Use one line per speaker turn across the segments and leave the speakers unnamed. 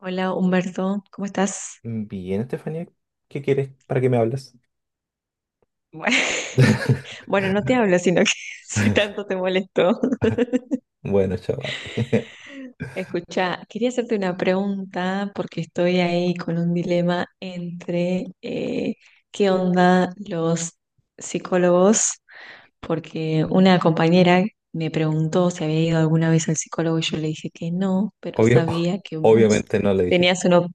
Hola Humberto, ¿cómo estás?
Bien, Estefanía, ¿qué quieres? ¿Para qué me hablas?
Bueno, bueno, no te hablo, sino que si tanto te molestó.
Bueno, chaval.
Escucha, quería hacerte una pregunta porque estoy ahí con un dilema entre qué onda los psicólogos, porque una compañera me preguntó si había ido alguna vez al psicólogo y yo le dije que no, pero
Obvio,
sabía que vos
obviamente no le dijiste.
tenías una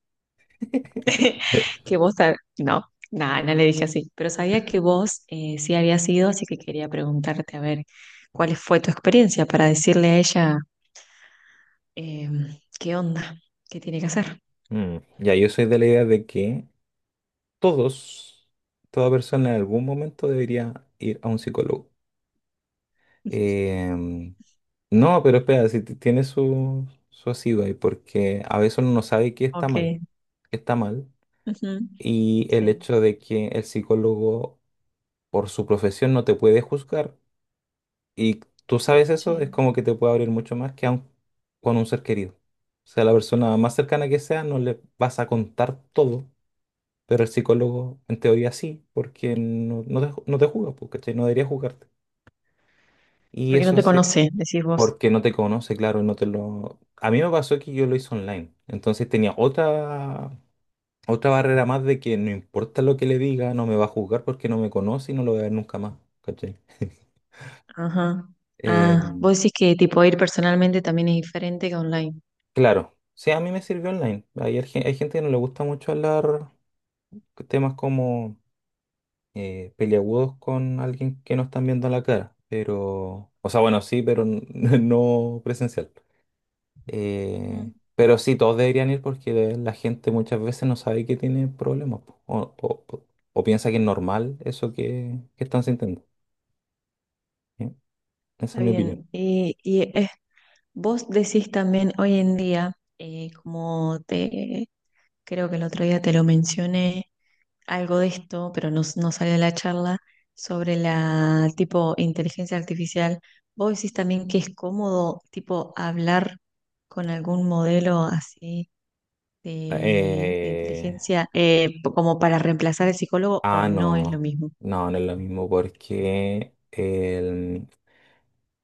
que vos, no, nada, no le dije así, pero sabía que vos sí había sido, así que quería preguntarte a ver cuál fue tu experiencia para decirle a ella eh, qué onda, qué tiene que hacer.
Mm, ya, yo soy de la idea de que todos, toda persona en algún momento debería ir a un psicólogo. Em, no, pero espera, si tiene su asido ahí, porque a veces uno no sabe qué
Ok.
está mal,
Ujú.
y el
Sí,
hecho de que el psicólogo por su profesión no te puede juzgar. Y tú sabes eso, es
sí.
como que te puede abrir mucho más que aun con un ser querido. O sea, la persona más cercana que sea, no le vas a contar todo, pero el psicólogo en teoría sí, porque no te juzga, pues, ¿cachai? No debería juzgarte. Y
Porque no
eso
te
hace
conoce, decís vos.
porque no te conoce, claro, no te lo... A mí me pasó que yo lo hice online, entonces otra barrera más de que no importa lo que le diga, no me va a juzgar porque no me conoce y no lo voy a ver nunca más, ¿cachai?
Ajá. Ah,
Eh,
vos decís que tipo ir personalmente también es diferente que online.
Claro, sí, a mí me sirvió online. Hay gente que no le gusta mucho hablar temas como peliagudos con alguien que no están viendo la cara, pero, o sea, bueno, sí, pero no presencial.
Ujú.
Pero sí, todos deberían ir porque la gente muchas veces no sabe que tiene problemas po, o piensa que es normal eso que están sintiendo. ¿Sí? Esa es
Está
mi opinión.
bien. Y es vos decís también hoy en día, como te creo que el otro día te lo mencioné, algo de esto, pero no salió de la charla, sobre la tipo inteligencia artificial. Vos decís también que es cómodo tipo hablar con algún modelo así de
Eh,
inteligencia como para reemplazar al psicólogo o no es lo
no,
mismo.
no, no es lo mismo porque... el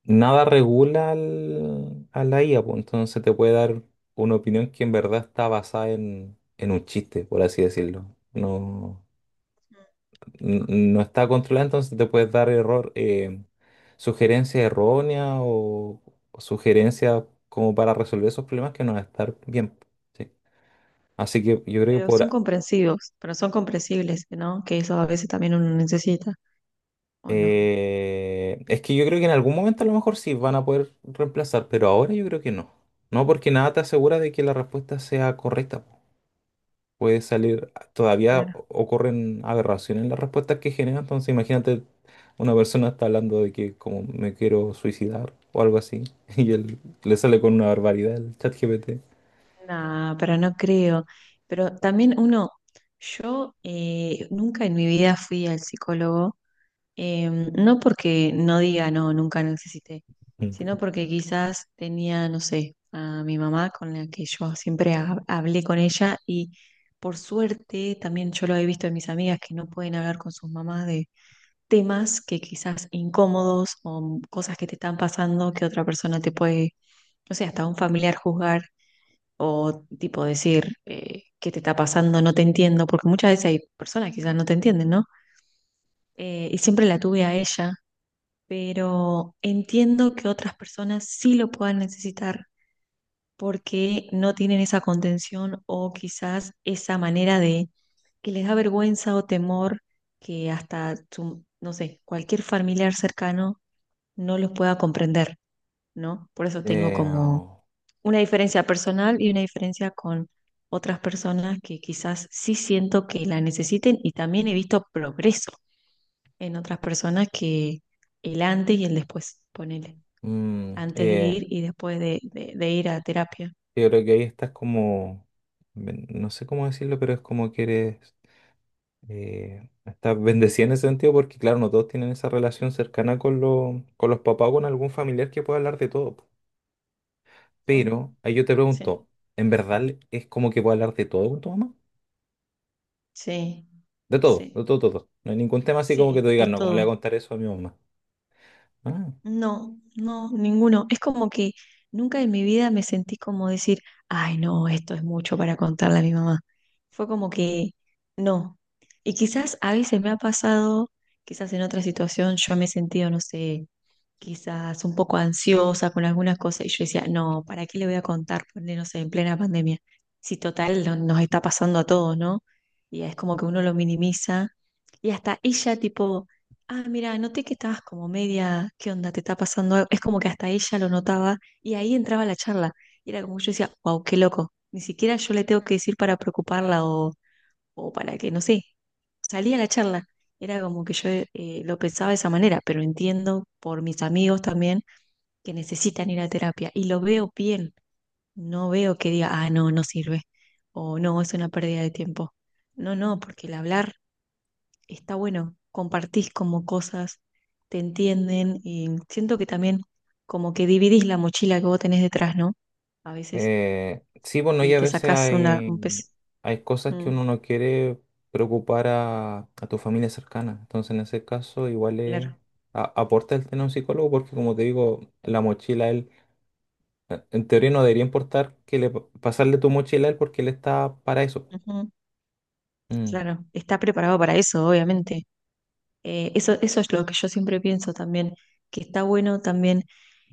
nada regula a la IA, pues entonces te puede dar una opinión que en verdad está basada en un chiste, por así decirlo. No, n- no está controlada, entonces te puedes dar error, sugerencias erróneas o sugerencias como para resolver esos problemas que no van a estar bien. ¿Sí? Así que yo creo que
Pero son
por...
comprensivos, pero son comprensibles, ¿no? Que eso a veces también uno necesita, ¿o no?
es que yo creo que en algún momento a lo mejor sí van a poder reemplazar, pero ahora yo creo que no. No, porque nada te asegura de que la respuesta sea correcta. Puede salir, todavía
Claro.
ocurren aberraciones en las respuestas que genera, entonces imagínate una persona está hablando de que como me quiero suicidar o algo así, y él le sale con una barbaridad el chat GPT.
No, pero no creo. Pero también uno, yo nunca en mi vida fui al psicólogo, no porque no diga no, nunca necesité, sino porque quizás tenía, no sé, a mi mamá con la que yo siempre hablé con ella y por suerte también yo lo he visto en mis amigas que no pueden hablar con sus mamás de temas que quizás incómodos o cosas que te están pasando que otra persona te puede, no sé, hasta un familiar juzgar o tipo decir, ¿qué te está pasando? No te entiendo, porque muchas veces hay personas que quizás no te entienden, ¿no? Y siempre la tuve a ella, pero entiendo que otras personas sí lo puedan necesitar porque no tienen esa contención o quizás esa manera de que les da vergüenza o temor que no sé, cualquier familiar cercano no los pueda comprender, ¿no? Por eso tengo
Eh,
como una diferencia personal y una diferencia con otras personas que quizás sí siento que la necesiten y también he visto progreso en otras personas que el antes y el después, ponele,
mm,
antes de
eh,
ir y después de ir a terapia.
yo creo que ahí estás como, no sé cómo decirlo, pero es como que eres, estás bendecida en ese sentido porque claro, no todos tienen esa relación cercana con, con los papás o con algún familiar que pueda hablar de todo. Pero
Mm.
ahí yo te
Sí,
pregunto, ¿en verdad es como que puedo hablar de todo con tu mamá?
sí, sí,
De todo, todo. No hay ningún tema así como que
sí,
tú digas,
de
no, ¿cómo le voy
todo.
a contar eso a mi mamá? Ah.
No, no, ninguno. Es como que nunca en mi vida me sentí como decir, ay, no, esto es mucho para contarle a mi mamá. Fue como que no. Y quizás a veces me ha pasado, quizás en otra situación yo me he sentido, no sé, quizás un poco ansiosa con algunas cosas y yo decía, no, ¿para qué le voy a contar? Ponle, no sé, en plena pandemia. Si total nos está pasando a todos, ¿no? Y es como que uno lo minimiza y hasta ella tipo, ah, mira, noté que estabas como media, ¿qué onda? ¿Te está pasando algo?". Es como que hasta ella lo notaba y ahí entraba la charla. Y era como que yo decía, wow, qué loco. Ni siquiera yo le tengo que decir para preocuparla o para que, no sé, salía la charla. Era como que yo lo pensaba de esa manera, pero entiendo por mis amigos también que necesitan ir a terapia y lo veo bien. No veo que diga, ah, no, no sirve o no, es una pérdida de tiempo. No, no, porque el hablar está bueno, compartís como cosas, te entienden y siento que también como que dividís la mochila que vos tenés detrás, ¿no? A veces
Sí, bueno, y
y
a
te
veces
sacás una, un
hay,
pez.
hay cosas que
Mm,
uno no quiere preocupar a tu familia cercana. Entonces, en ese caso, igual es,
claro,
aporta el tener un psicólogo porque, como te digo, la mochila, él, en teoría no debería importar que le pasarle tu mochila a él porque él está para eso.
ujú,
Mm.
claro, está preparado para eso, obviamente. Eso es lo que yo siempre pienso también, que está bueno también,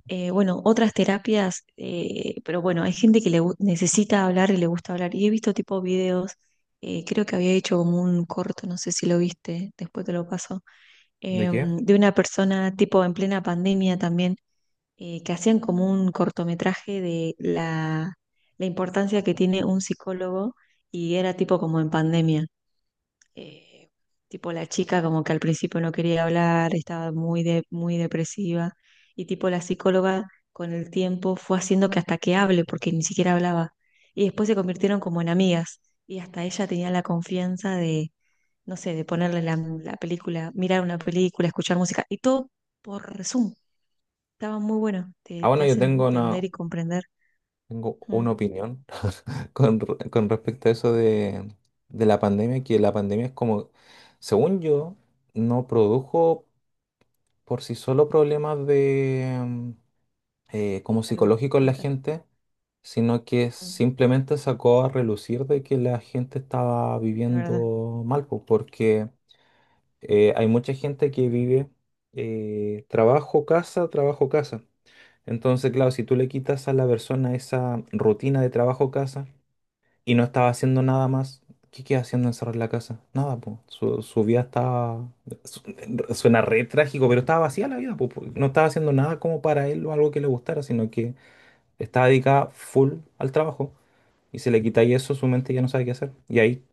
bueno, otras terapias, pero bueno, hay gente que necesita hablar y le gusta hablar. Y he visto tipo videos, creo que había hecho como un corto, no sé si lo viste, después te lo paso
¿De qué?
de una persona tipo en plena pandemia también, que hacían como un cortometraje de la importancia que tiene un psicólogo y era tipo como en pandemia. Eh, tipo la chica como que al principio no quería hablar, estaba muy depresiva y tipo la psicóloga con el tiempo fue haciendo que hasta que hable porque ni siquiera hablaba. Y después se convirtieron como en amigas y hasta ella tenía la confianza no sé, de ponerle la película, mirar una película, escuchar música, y todo por Zoom. Estaba muy bueno,
Ah,
te
bueno, yo
hace
tengo
entender
una,
y comprender.
tengo una
Mm.
opinión con, con respecto a eso de la pandemia, que la pandemia es como, según yo, no produjo por sí solo problemas de como
Salud
psicológicos en la
mental.
gente, sino que
Mm.
simplemente sacó a relucir de que la gente estaba
Es verdad,
viviendo mal, pues, porque hay mucha gente que vive trabajo, casa, trabajo, casa. Entonces, claro, si tú le quitas a la persona esa rutina de trabajo, casa, y no estaba haciendo nada más. ¿Qué queda haciendo encerrado en la casa? Nada, pues. Su vida estaba. su- Suena re trágico, pero estaba vacía la vida, po, po. No estaba haciendo nada como para él o algo que le gustara, sino que estaba dedicada full al trabajo. Y se le quita y eso, su mente ya no sabe qué hacer. Y ahí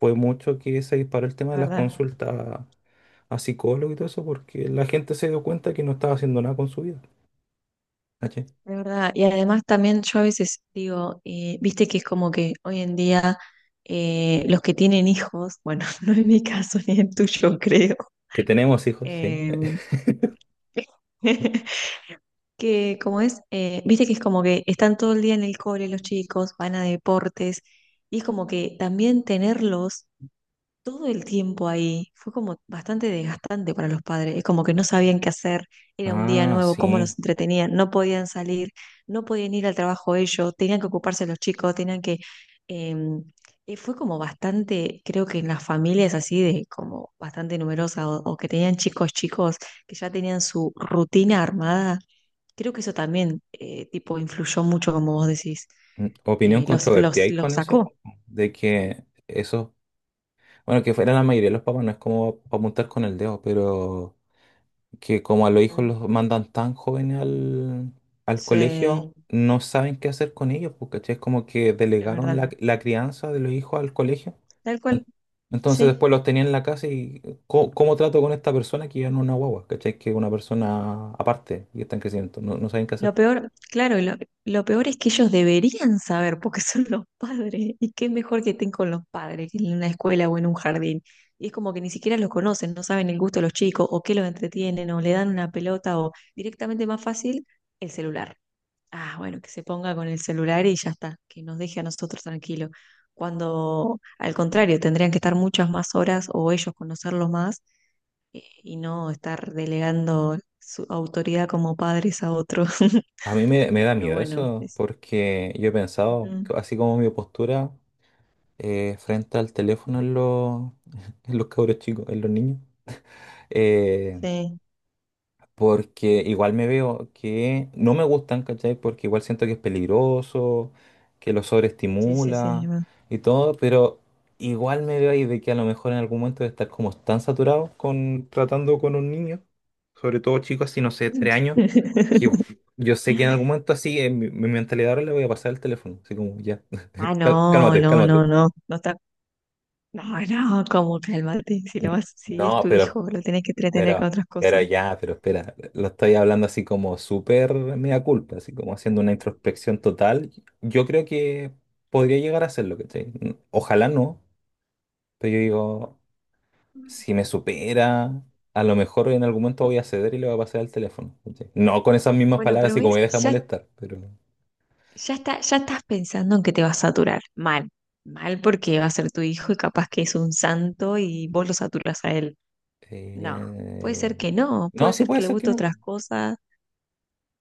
fue mucho que se disparó el tema
es
de las
verdad,
consultas a psicólogos y todo eso, porque la gente se dio cuenta que no estaba haciendo nada con su vida. ¿Cachai?
es verdad. Y además también yo a veces digo, viste que es como que hoy en día los que tienen hijos, bueno, no es mi caso ni el tuyo, creo.
Que tenemos hijos, sí.
eh,
Eh.
que como es, viste que es como que están todo el día en el cole los chicos, van a deportes, y es como que también tenerlos todo el tiempo ahí fue como bastante desgastante para los padres, es como que no sabían qué hacer, era un día
Ah,
nuevo, cómo
sí.
los entretenían, no podían salir, no podían ir al trabajo ellos, tenían que ocuparse los chicos, tenían que... em, fue como bastante, creo que en las familias así de como bastante numerosas o que tenían chicos chicos que ya tenían su rutina armada. Creo que eso también, tipo, influyó mucho, como vos decís.
Mm. Opinión controvertida hay con
Los
eso,
sacó.
igual, po, de que eso, bueno, que fuera la mayoría de los papás, no es como apuntar con el dedo, pero que como a los hijos
Mm.
los mandan tan jóvenes al, al
Sí, es
colegio, no saben qué hacer con ellos, porque es como que delegaron la,
verdad.
la crianza de los hijos al colegio.
Tal cual,
En- Entonces después
sí.
los tenían en la casa y ¿cómo, cómo trato con esta persona que ya no es una guagua? ¿Cachai? Que es una persona aparte y está en crecimiento, no, no saben qué
Lo
hacer.
peor, claro, lo peor es que ellos deberían saber porque son los padres. Y qué mejor que estén con los padres que en una escuela o en un jardín. Y es como que ni siquiera los conocen, no saben el gusto de los chicos o qué los entretienen o le dan una pelota o directamente más fácil el celular. Ah, bueno, que se ponga con el celular y ya está, que nos deje a nosotros tranquilos. Cuando, al contrario, tendrían que estar muchas más horas o ellos conocerlo más y no estar delegando su autoridad como padres a otros.
A mí me da
Pero
miedo
bueno,
eso,
es-
porque yo he pensado,
Ujú.
así como mi postura frente al teléfono en los, en los cabros chicos, en los niños. eh,
Sí,
Porque igual me veo que no me gustan, ¿cachai? Porque igual siento que es peligroso, que lo
sí, sí, sí. Es
sobreestimula y todo, pero igual me veo ahí de que a lo mejor en algún momento de estar como tan saturado con tratando con un niño, sobre todo chicos así, no sé, tres años,
verdad.
que yo sé que en algún momento así, en mi mentalidad ahora le voy a pasar el teléfono, así como ya,
Ah, no,
cálmate,
no,
cálmate.
no, no, no está. No, no, como calmate, si lo
N-
vas, si es
No,
tu hijo, lo tenés que entretener con
Pero,
otras
pero
cosas.
ya, pero espera, lo estoy hablando así como súper mea culpa, así como haciendo una introspección total. Yo creo que podría llegar a hacerlo, ¿cachai? Ojalá no, pero yo digo, si me supera, a lo mejor en algún momento voy a ceder y le voy a pasar el teléfono, ¿cachai? No con esas mismas
Bueno,
palabras,
pero
así como
ves,
me deja
ya
molestar, pero...
ya está, ya estás pensando en que te va a saturar. Mal, mal porque va a ser tu hijo y capaz que es un santo y vos lo saturas a él. No, puede
eh,
ser que no, puede
no, sí
ser
puede
que le
ser que
guste
no.
otras cosas,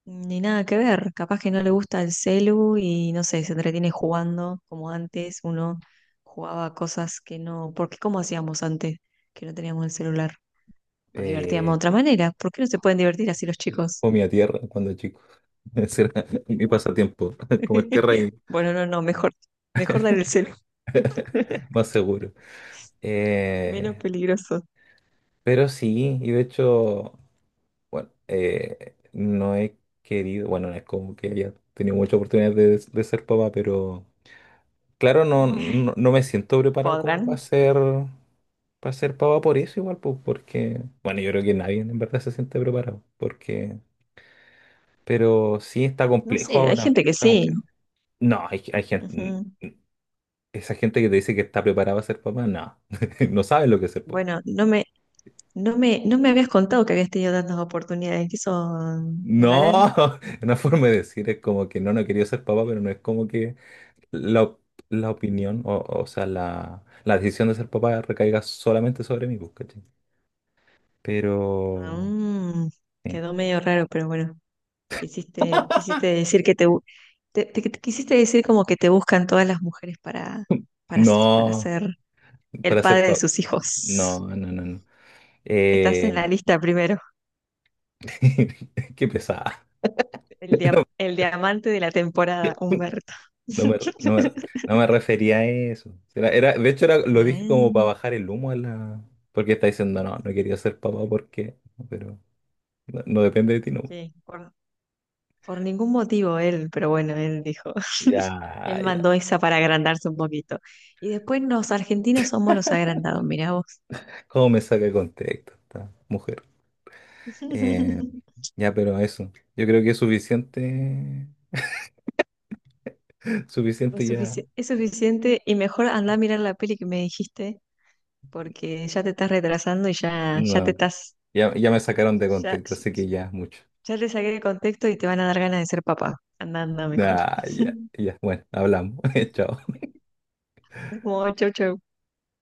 ni nada que ver. Capaz que no le gusta el celu y no sé, se entretiene jugando como antes uno jugaba a cosas que no. ¿Por qué cómo hacíamos antes que no teníamos el celular? Nos divertíamos de
Eh,
otra manera. ¿Por qué no se pueden divertir así los chicos?
Comía tierra cuando chico. Ese era mi
Bueno,
pasatiempo, comer tierra y
bueno, no, no, mejor, mejor dar el celu.
más seguro.
menos
Eh,
peligroso.
pero sí, y de hecho, bueno, no he querido, bueno, no es como que haya tenido muchas oportunidades de ser papá, pero claro, no,
Bueno,
no, no me siento preparado como
podrán.
para ser papá por eso igual, pues, porque, bueno, yo creo que nadie en verdad se siente preparado, porque, pero sí está
No
complejo
sé, hay
ahora,
gente que
está
sí.
complejo. No, hay gente,
Ujú.
esa gente que te dice que está preparada para ser papá, no, no sabe lo que es ser papá.
Bueno, no me, no me habías contado que habías tenido tantas oportunidades. ¿Qué sos un
No,
galán?
una forma de decir es como que no, no quería ser papá, pero no es como que la, op- la opinión, o sea, la decisión de ser papá recaiga solamente sobre mí, pues, ¿cachai?
Ah,
Pero,
mm,
sí.
quedó medio raro, pero bueno, quisiste decir que te quisiste decir como que te buscan todas las mujeres para
No,
ser el
para ser
padre de
papá,
sus
no,
hijos.
no, no, no.
Estás en la
Eh,
lista primero,
qué pesada. No,
el diamante de la temporada, Humberto.
no me, re- no me, re- no me refería a eso. De hecho, era, lo dije como para
Ah.
bajar el humo a la... Porque está diciendo, no, no quería ser papá porque... Pero no, no depende de ti, no.
Sí, por ningún motivo él, pero bueno, él dijo,
Ya,
él
ya.
mandó esa para agrandarse un poquito. Y después los argentinos somos los agrandados, mirá vos.
¿Cómo me saca de contexto esta mujer? Eh, ya, pero eso. Yo creo que es suficiente. Suficiente ya.
Es suficiente y mejor andá a mirar la peli que me dijiste, porque ya te estás retrasando ya
No,
te estás,
ya, ya me sacaron de
ya,
contexto, así que ya es mucho.
ya te saqué el contexto y te van a dar ganas de ser papá. Anda, anda mejor.
Ah, ya, ya. Bueno, hablamos. Chao.
Como chau, chau.